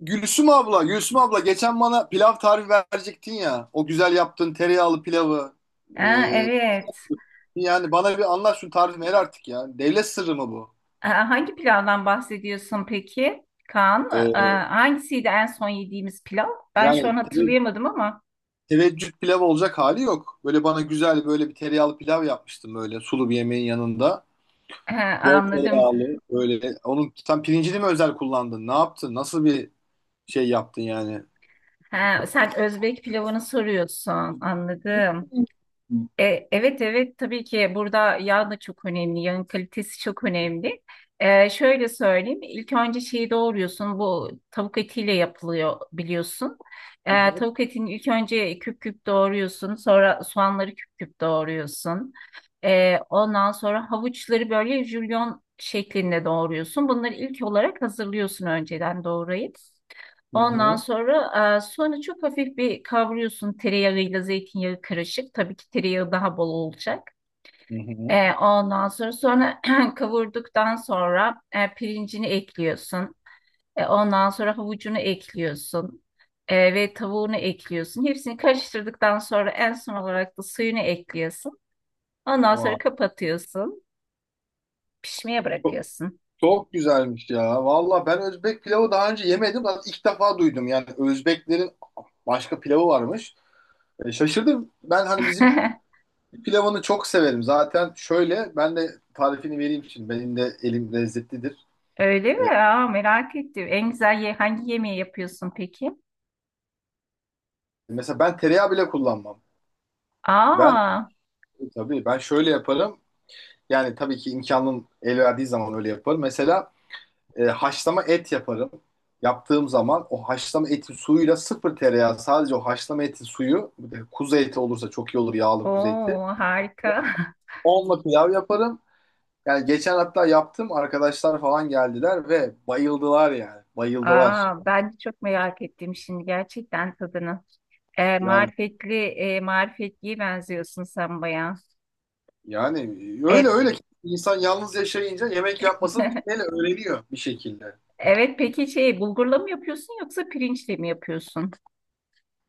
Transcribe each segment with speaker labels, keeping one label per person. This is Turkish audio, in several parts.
Speaker 1: Gülsüm abla, geçen bana pilav tarifi verecektin ya. O güzel yaptığın tereyağlı pilavı.
Speaker 2: Aa,
Speaker 1: Ee,
Speaker 2: evet.
Speaker 1: Yani bana bir anlat şu tarifi ver artık ya. Devlet sırrı mı bu?
Speaker 2: Aa, hangi pilavdan bahsediyorsun peki Kaan?
Speaker 1: Ee,
Speaker 2: Aa, hangisiydi en son yediğimiz pilav? Ben şu an
Speaker 1: Yani
Speaker 2: hatırlayamadım ama
Speaker 1: teveccüh pilav olacak hali yok. Böyle bana güzel böyle bir tereyağlı pilav yapmıştım böyle sulu bir yemeğin yanında.
Speaker 2: Ha,
Speaker 1: Bol
Speaker 2: anladım.
Speaker 1: tereyağlı böyle. Onun sen pirincini mi özel kullandın? Ne yaptın? Nasıl bir şey yaptın yani?
Speaker 2: Ha, sen Özbek pilavını soruyorsun. Anladım.
Speaker 1: Hı
Speaker 2: Evet, evet, tabii ki burada yağ da çok önemli, yağın kalitesi çok önemli. Şöyle söyleyeyim, ilk önce şeyi doğruyorsun, bu tavuk etiyle yapılıyor biliyorsun. Tavuk etini ilk önce küp küp doğruyorsun, sonra soğanları küp küp doğruyorsun. Ondan sonra havuçları böyle jülyon şeklinde doğruyorsun. Bunları ilk olarak hazırlıyorsun önceden doğrayıp. Ondan
Speaker 1: hı.
Speaker 2: sonra çok hafif bir kavuruyorsun tereyağıyla zeytinyağı karışık. Tabii ki tereyağı daha bol olacak.
Speaker 1: Hı hı.
Speaker 2: Ondan sonra kavurduktan sonra pirincini ekliyorsun. Ondan sonra havucunu ekliyorsun. Ve tavuğunu ekliyorsun. Hepsini karıştırdıktan sonra en son olarak da suyunu ekliyorsun. Ondan sonra
Speaker 1: Vay.
Speaker 2: kapatıyorsun. Pişmeye bırakıyorsun.
Speaker 1: Çok güzelmiş ya. Valla ben Özbek pilavı daha önce yemedim. Zaten ilk defa duydum. Yani Özbeklerin başka pilavı varmış. Şaşırdım. Ben hani bizim pilavını çok severim. Zaten şöyle ben de tarifini vereyim şimdi. Benim de elim lezzetlidir.
Speaker 2: Öyle
Speaker 1: E,
Speaker 2: mi? Aa, merak ettim. En güzel hangi yemeği yapıyorsun peki?
Speaker 1: Mesela ben tereyağı bile kullanmam. Ben
Speaker 2: Aa.
Speaker 1: tabii ben şöyle yaparım. Yani tabii ki imkanım el verdiği zaman öyle yaparım. Mesela haşlama et yaparım. Yaptığım zaman o haşlama etin suyuyla sıfır tereyağı sadece o haşlama etin suyu bir de kuzu eti olursa çok iyi olur yağlı kuzu eti.
Speaker 2: Oo, harika.
Speaker 1: Onunla pilav yaparım. Yani geçen hatta yaptım arkadaşlar falan geldiler ve bayıldılar yani. Bayıldılar.
Speaker 2: Aa, ben de çok merak ettim şimdi gerçekten tadını.
Speaker 1: Yani
Speaker 2: Marifetliye benziyorsun sen bayağı.
Speaker 1: yani öyle
Speaker 2: E,
Speaker 1: öyle ki insan yalnız yaşayınca yemek yapmasını bilmeyle öğreniyor bir şekilde.
Speaker 2: evet, peki şey bulgurla mı yapıyorsun yoksa pirinçle mi yapıyorsun?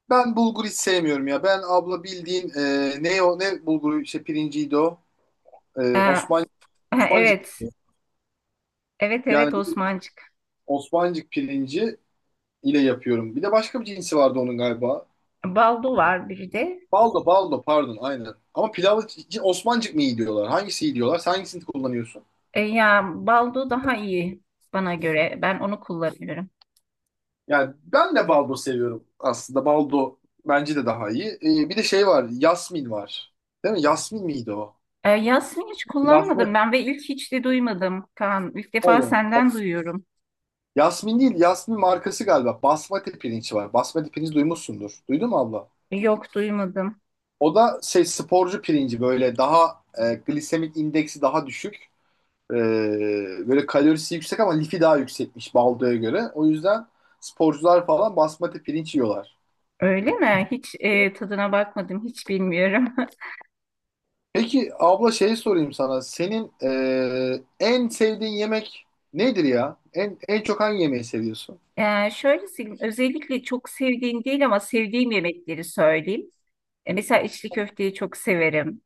Speaker 1: Ben bulgur hiç sevmiyorum ya. Ben abla bildiğin ne o ne bulguru işte pirinciydi o.
Speaker 2: Ee,
Speaker 1: E,
Speaker 2: ha,
Speaker 1: Osman Osmancık.
Speaker 2: evet, evet, evet,
Speaker 1: Yani
Speaker 2: Osmancık.
Speaker 1: Osmancık pirinci ile yapıyorum. Bir de başka bir cinsi vardı onun galiba.
Speaker 2: Baldo var bir de.
Speaker 1: Baldo, pardon, aynen. Ama pilavı için Osmancık mı iyi diyorlar? Hangisi iyi diyorlar? Sen hangisini kullanıyorsun?
Speaker 2: Ya, baldo daha iyi bana göre. Ben onu kullanıyorum.
Speaker 1: Yani ben de baldo seviyorum aslında. Baldo bence de daha iyi. Bir de şey var, yasmin var. Değil mi? Yasmin miydi o?
Speaker 2: Yasmin hiç kullanmadım
Speaker 1: Basmati,
Speaker 2: ben ve ilk hiç de duymadım Kaan. İlk defa
Speaker 1: pardon.
Speaker 2: senden duyuyorum.
Speaker 1: Yasmin değil, Yasmin markası galiba. Basmati pirinç var. Basmati pirinç duymuşsundur. Duydun mu abla?
Speaker 2: Yok, duymadım.
Speaker 1: O da şey sporcu pirinci böyle daha glisemik indeksi daha düşük. Ee, Böyle kalorisi yüksek ama lifi daha yüksekmiş baldoya göre. O yüzden sporcular falan basmati pirinç yiyorlar.
Speaker 2: Öyle mi? Hiç tadına bakmadım, hiç bilmiyorum.
Speaker 1: Peki abla şey sorayım sana. Senin en sevdiğin yemek nedir ya? En çok hangi yemeği seviyorsun?
Speaker 2: Şöyle söyleyeyim, özellikle çok sevdiğim değil ama sevdiğim yemekleri söyleyeyim. Mesela içli köfteyi çok severim.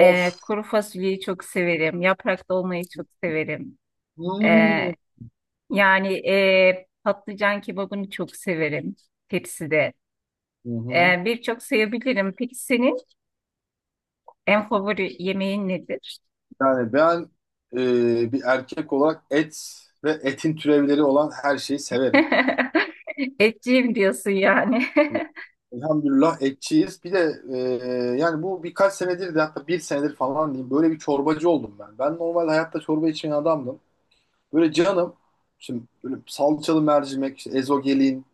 Speaker 2: Kuru fasulyeyi çok severim. Yaprak dolmayı çok severim. E,
Speaker 1: Hmm.
Speaker 2: Yani patlıcan kebabını çok severim tepside.
Speaker 1: Hı hı.
Speaker 2: Birçok sayabilirim. Peki senin en favori yemeğin nedir?
Speaker 1: Yani ben bir erkek olarak et ve etin türevleri olan her şeyi severim.
Speaker 2: Etçiyim diyorsun yani.
Speaker 1: Elhamdülillah etçiyiz. Bir de yani bu birkaç senedir de hatta bir senedir falan diyeyim böyle bir çorbacı oldum ben. Ben normal hayatta çorba içmeyen adamdım. Böyle canım şimdi böyle salçalı mercimek, işte ezogelin,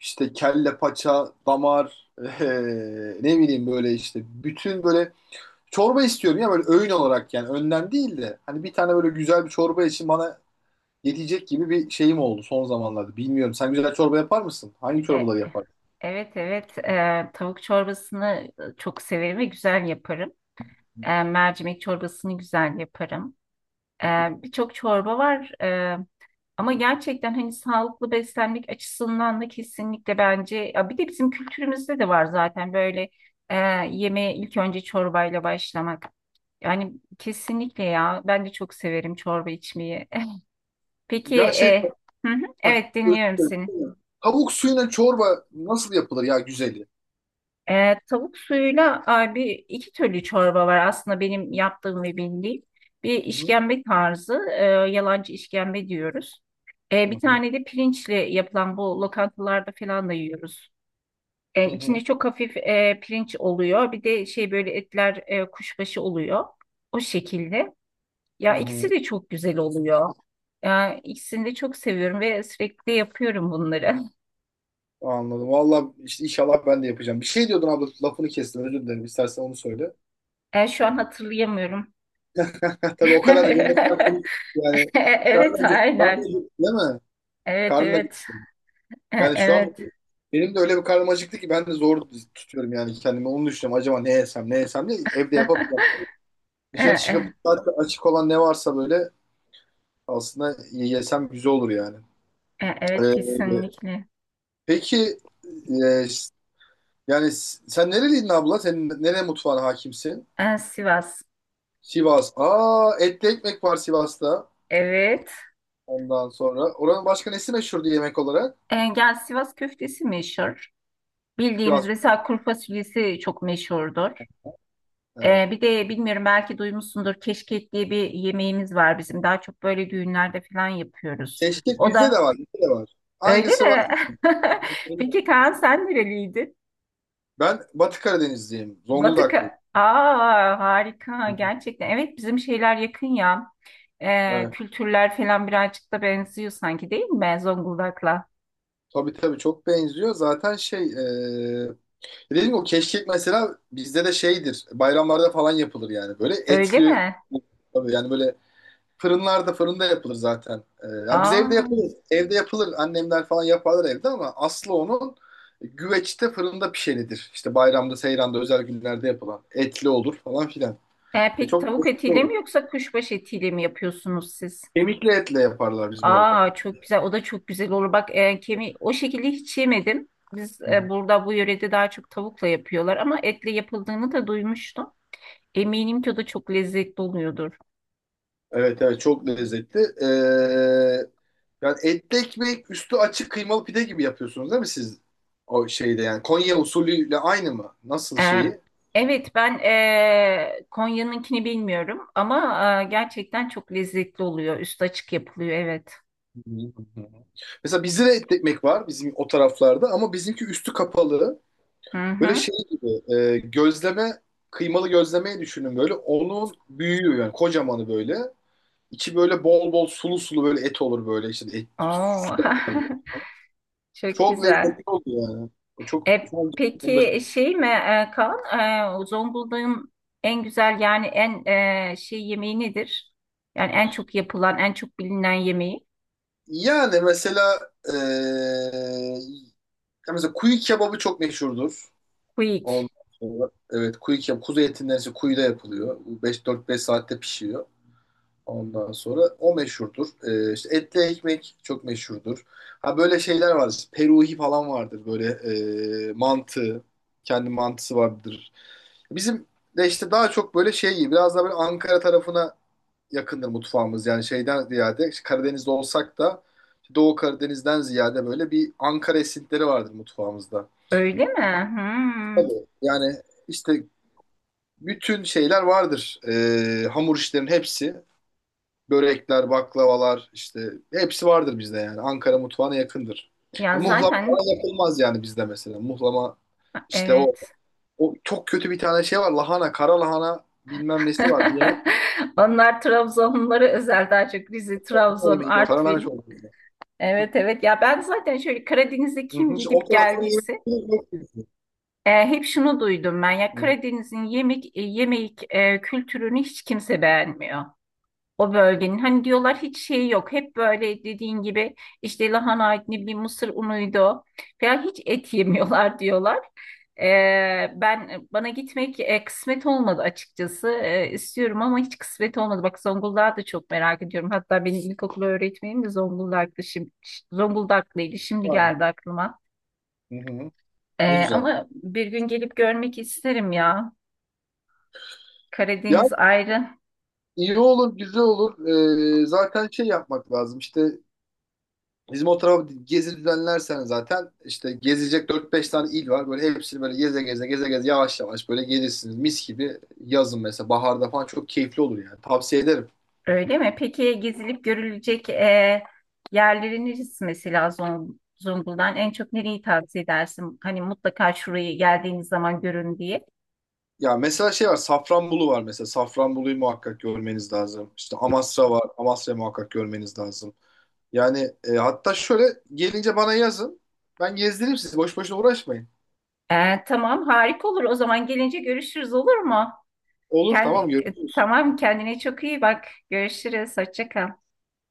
Speaker 1: işte kelle paça, damar, ne bileyim böyle işte bütün böyle çorba istiyorum ya böyle öğün olarak yani önden değil de hani bir tane böyle güzel bir çorba için bana yetecek gibi bir şeyim oldu son zamanlarda. Bilmiyorum sen güzel çorba yapar mısın? Hangi
Speaker 2: E,
Speaker 1: çorbaları yapar?
Speaker 2: Evet, evet, tavuk çorbasını çok severim ve güzel yaparım. Mercimek çorbasını güzel yaparım. Ee, Birçok çorba var, ama gerçekten hani sağlıklı beslenmek açısından da kesinlikle bence ya bir de bizim kültürümüzde de var zaten böyle e, yemeğe ilk önce çorbayla başlamak. Yani kesinlikle, ya ben de çok severim çorba içmeyi. Peki,
Speaker 1: Ya şey
Speaker 2: hı hı, evet, dinliyorum seni.
Speaker 1: tavuk suyuna çorba nasıl yapılır ya güzeli?
Speaker 2: Tavuk suyuyla ay, bir iki türlü çorba var aslında benim yaptığım ve bildiğim. Bir
Speaker 1: Hı hı,
Speaker 2: işkembe tarzı, yalancı işkembe diyoruz.
Speaker 1: hı
Speaker 2: Bir
Speaker 1: hı,
Speaker 2: tane de pirinçle yapılan bu lokantalarda falan da yiyoruz.
Speaker 1: hı
Speaker 2: İçinde
Speaker 1: hı,
Speaker 2: çok hafif pirinç oluyor. Bir de şey böyle etler, kuşbaşı oluyor. O şekilde.
Speaker 1: hı
Speaker 2: Ya, ikisi
Speaker 1: hı.
Speaker 2: de çok güzel oluyor. Ya, ikisini de çok seviyorum ve sürekli yapıyorum bunları.
Speaker 1: Anladım. Valla işte inşallah ben de yapacağım. Bir şey diyordun abla lafını kestim özür dilerim. İstersen onu söyle.
Speaker 2: Şu an hatırlayamıyorum.
Speaker 1: Heh, tabii o kadar yemekten yani
Speaker 2: Evet,
Speaker 1: karnım acıktı, karnım
Speaker 2: aynen.
Speaker 1: acıktı, değil mi?
Speaker 2: Evet,
Speaker 1: Karnım
Speaker 2: evet.
Speaker 1: acıktı. Yani şu an
Speaker 2: Evet.
Speaker 1: benim de öyle bir karnım acıktı ki ben de zor tutuyorum yani kendimi. Onu düşünüyorum. Acaba ne yesem ne yesem diye evde yapamayacağım.
Speaker 2: E,
Speaker 1: Dışarı
Speaker 2: e,
Speaker 1: çıkıp zaten açık olan ne varsa böyle aslında yesem güzel olur yani.
Speaker 2: evet,
Speaker 1: Ee,
Speaker 2: kesinlikle.
Speaker 1: Peki e, s- sen nereliydin abla? Senin nere mutfağına hakimsin?
Speaker 2: Sivas.
Speaker 1: Sivas. Aa, etli ekmek var Sivas'ta.
Speaker 2: Evet.
Speaker 1: Ondan sonra. Oranın başka nesi meşhurdu yemek olarak?
Speaker 2: Gel, Sivas köftesi meşhur. Bildiğimiz
Speaker 1: Sivas.
Speaker 2: mesela kuru fasulyesi çok meşhurdur.
Speaker 1: Evet.
Speaker 2: Bir de bilmiyorum belki duymuşsundur, keşkek diye bir yemeğimiz var bizim. Daha çok böyle düğünlerde falan yapıyoruz.
Speaker 1: Keşkek
Speaker 2: O
Speaker 1: bizde de
Speaker 2: da
Speaker 1: var. Bizde de var.
Speaker 2: öyle
Speaker 1: Aynısı var.
Speaker 2: mi? Peki Kaan, sen nereliydin?
Speaker 1: Ben Batı Karadenizliyim. Zonguldaklıyım.
Speaker 2: Aa, harika
Speaker 1: Hı hı.
Speaker 2: gerçekten. Evet, bizim şeyler yakın ya.
Speaker 1: Evet.
Speaker 2: Kültürler falan birazcık da benziyor sanki, değil mi Zonguldak'la?
Speaker 1: Tabii tabii çok benziyor. Zaten şey dediğim gibi o keşkek mesela bizde de şeydir. Bayramlarda falan yapılır yani. Böyle
Speaker 2: Öyle
Speaker 1: etli
Speaker 2: mi?
Speaker 1: tabii yani böyle fırınlarda fırında yapılır zaten. Ya biz
Speaker 2: Aa,
Speaker 1: evde yapılır. Evde yapılır. Annemler falan yaparlar evde ama aslı onun güveçte fırında pişenidir. İşte bayramda, seyranda, özel günlerde yapılan. Etli olur falan filan.
Speaker 2: peki
Speaker 1: Çok
Speaker 2: tavuk
Speaker 1: lezzetli
Speaker 2: etiyle
Speaker 1: olur.
Speaker 2: mi yoksa kuşbaşı etiyle mi yapıyorsunuz siz?
Speaker 1: Kemikli etle yaparlar bizim orada.
Speaker 2: Aa, çok güzel, o da çok güzel olur. Bak, kemiği o şekilde hiç yemedim. Biz
Speaker 1: Hı hı.
Speaker 2: burada bu yörede daha çok tavukla yapıyorlar ama etle yapıldığını da duymuştum. Eminim ki o da çok lezzetli oluyordur.
Speaker 1: Evet evet çok lezzetli. Yani etli ekmek üstü açık kıymalı pide gibi yapıyorsunuz değil mi siz? O şeyde yani Konya usulüyle aynı mı? Nasıl
Speaker 2: E,
Speaker 1: şeyi?
Speaker 2: evet, ben Konya'nınkini bilmiyorum ama gerçekten çok lezzetli oluyor. Üstü açık yapılıyor, evet.
Speaker 1: Hı hı. Mesela bizde de et ekmek var bizim o taraflarda ama bizimki üstü kapalı.
Speaker 2: Hı
Speaker 1: Böyle
Speaker 2: hı.
Speaker 1: şey gibi gözleme kıymalı gözlemeyi düşünün böyle. Onun büyüğü yani kocamanı böyle. İçi böyle bol bol sulu sulu böyle et olur böyle işte et.
Speaker 2: Oo. Çok
Speaker 1: Çok
Speaker 2: güzel.
Speaker 1: lezzetli oluyor yani. O çok şu an onu da-
Speaker 2: Peki şey mi, Kaan? Zonguldak'ın en güzel, yani en şey yemeği nedir? Yani en çok yapılan, en çok bilinen yemeği.
Speaker 1: yani mesela e, ya mesela kuyu kebabı çok meşhurdur.
Speaker 2: Quick.
Speaker 1: Ondan sonra evet kuyu kebabı kuzu etinden ise kuyuda yapılıyor. 5 4 5 saatte pişiyor. Ondan sonra o meşhurdur. İşte etli ekmek çok meşhurdur. Ha böyle şeyler vardır. Peruhi falan vardır. Böyle mantı. Kendi mantısı vardır. Bizim de işte daha çok böyle şey biraz daha böyle Ankara tarafına yakındır mutfağımız. Yani şeyden ziyade işte Karadeniz'de olsak da Doğu Karadeniz'den ziyade böyle bir Ankara esintileri vardır mutfağımızda.
Speaker 2: Öyle mi? Hmm.
Speaker 1: Tabii. Yani işte bütün şeyler vardır. Hamur işlerin hepsi. Börekler, baklavalar işte hepsi vardır bizde yani. Ankara mutfağına yakındır.
Speaker 2: Ya,
Speaker 1: Ha, muhlama
Speaker 2: zaten
Speaker 1: falan yapılmaz yani bizde mesela. Muhlama işte o
Speaker 2: evet.
Speaker 1: o çok kötü bir tane şey var. Lahana, kara lahana bilmem nesi var. Bir yemek
Speaker 2: Onlar Trabzonlulara özel, daha çok Rize,
Speaker 1: o
Speaker 2: Trabzon,
Speaker 1: yemeği de o. Kara lahana
Speaker 2: Artvin.
Speaker 1: çorbası.
Speaker 2: Evet, evet, ya ben zaten şöyle Karadeniz'e
Speaker 1: Hı
Speaker 2: kim
Speaker 1: hı. İşte o
Speaker 2: gidip
Speaker 1: tarafını
Speaker 2: geldiyse
Speaker 1: yemek.
Speaker 2: Hep şunu duydum ben, ya
Speaker 1: Hı hı.
Speaker 2: Karadeniz'in yemek kültürünü hiç kimse beğenmiyor. O bölgenin, hani diyorlar, hiç şey yok. Hep böyle dediğin gibi işte lahana, ne bir mısır unuydu falan, hiç et yemiyorlar diyorlar. Ben gitmek kısmet olmadı açıkçası. İstiyorum ama hiç kısmet olmadı. Bak, Zonguldak'ı da çok merak ediyorum. Hatta benim ilkokul öğretmenim de Zonguldak'tı, şimdi Zonguldaklıydı. Şimdi
Speaker 1: Aynen.
Speaker 2: geldi aklıma.
Speaker 1: Hı hı. Ne güzel.
Speaker 2: Ama bir gün gelip görmek isterim ya.
Speaker 1: Yani
Speaker 2: Karadeniz ayrı.
Speaker 1: iyi olur, güzel olur. Zaten şey yapmak lazım. İşte bizim o tarafa gezi düzenlersen zaten işte gezecek dört beş tane il var. Böyle hepsini böyle geze geze geze geze yavaş yavaş böyle gelirsiniz. Mis gibi yazın mesela baharda falan çok keyifli olur yani. Tavsiye ederim.
Speaker 2: Öyle mi? Peki gezilip görülecek, yerleri neresi mesela, Zonguldak'ın en çok nereyi tavsiye edersin? Hani mutlaka şurayı geldiğiniz zaman görün diye.
Speaker 1: Ya mesela şey var Safranbolu var mesela. Safranbolu'yu muhakkak görmeniz lazım. İşte Amasra var. Amasra'yı muhakkak görmeniz lazım. Yani hatta şöyle gelince bana yazın. Ben gezdiririm sizi. Boş boşuna uğraşmayın.
Speaker 2: Tamam, harika olur. O zaman gelince görüşürüz, olur mu?
Speaker 1: Olur,
Speaker 2: Kend-
Speaker 1: tamam, görüşürüz.
Speaker 2: tamam, kendine çok iyi bak. Görüşürüz. Hoşça kal.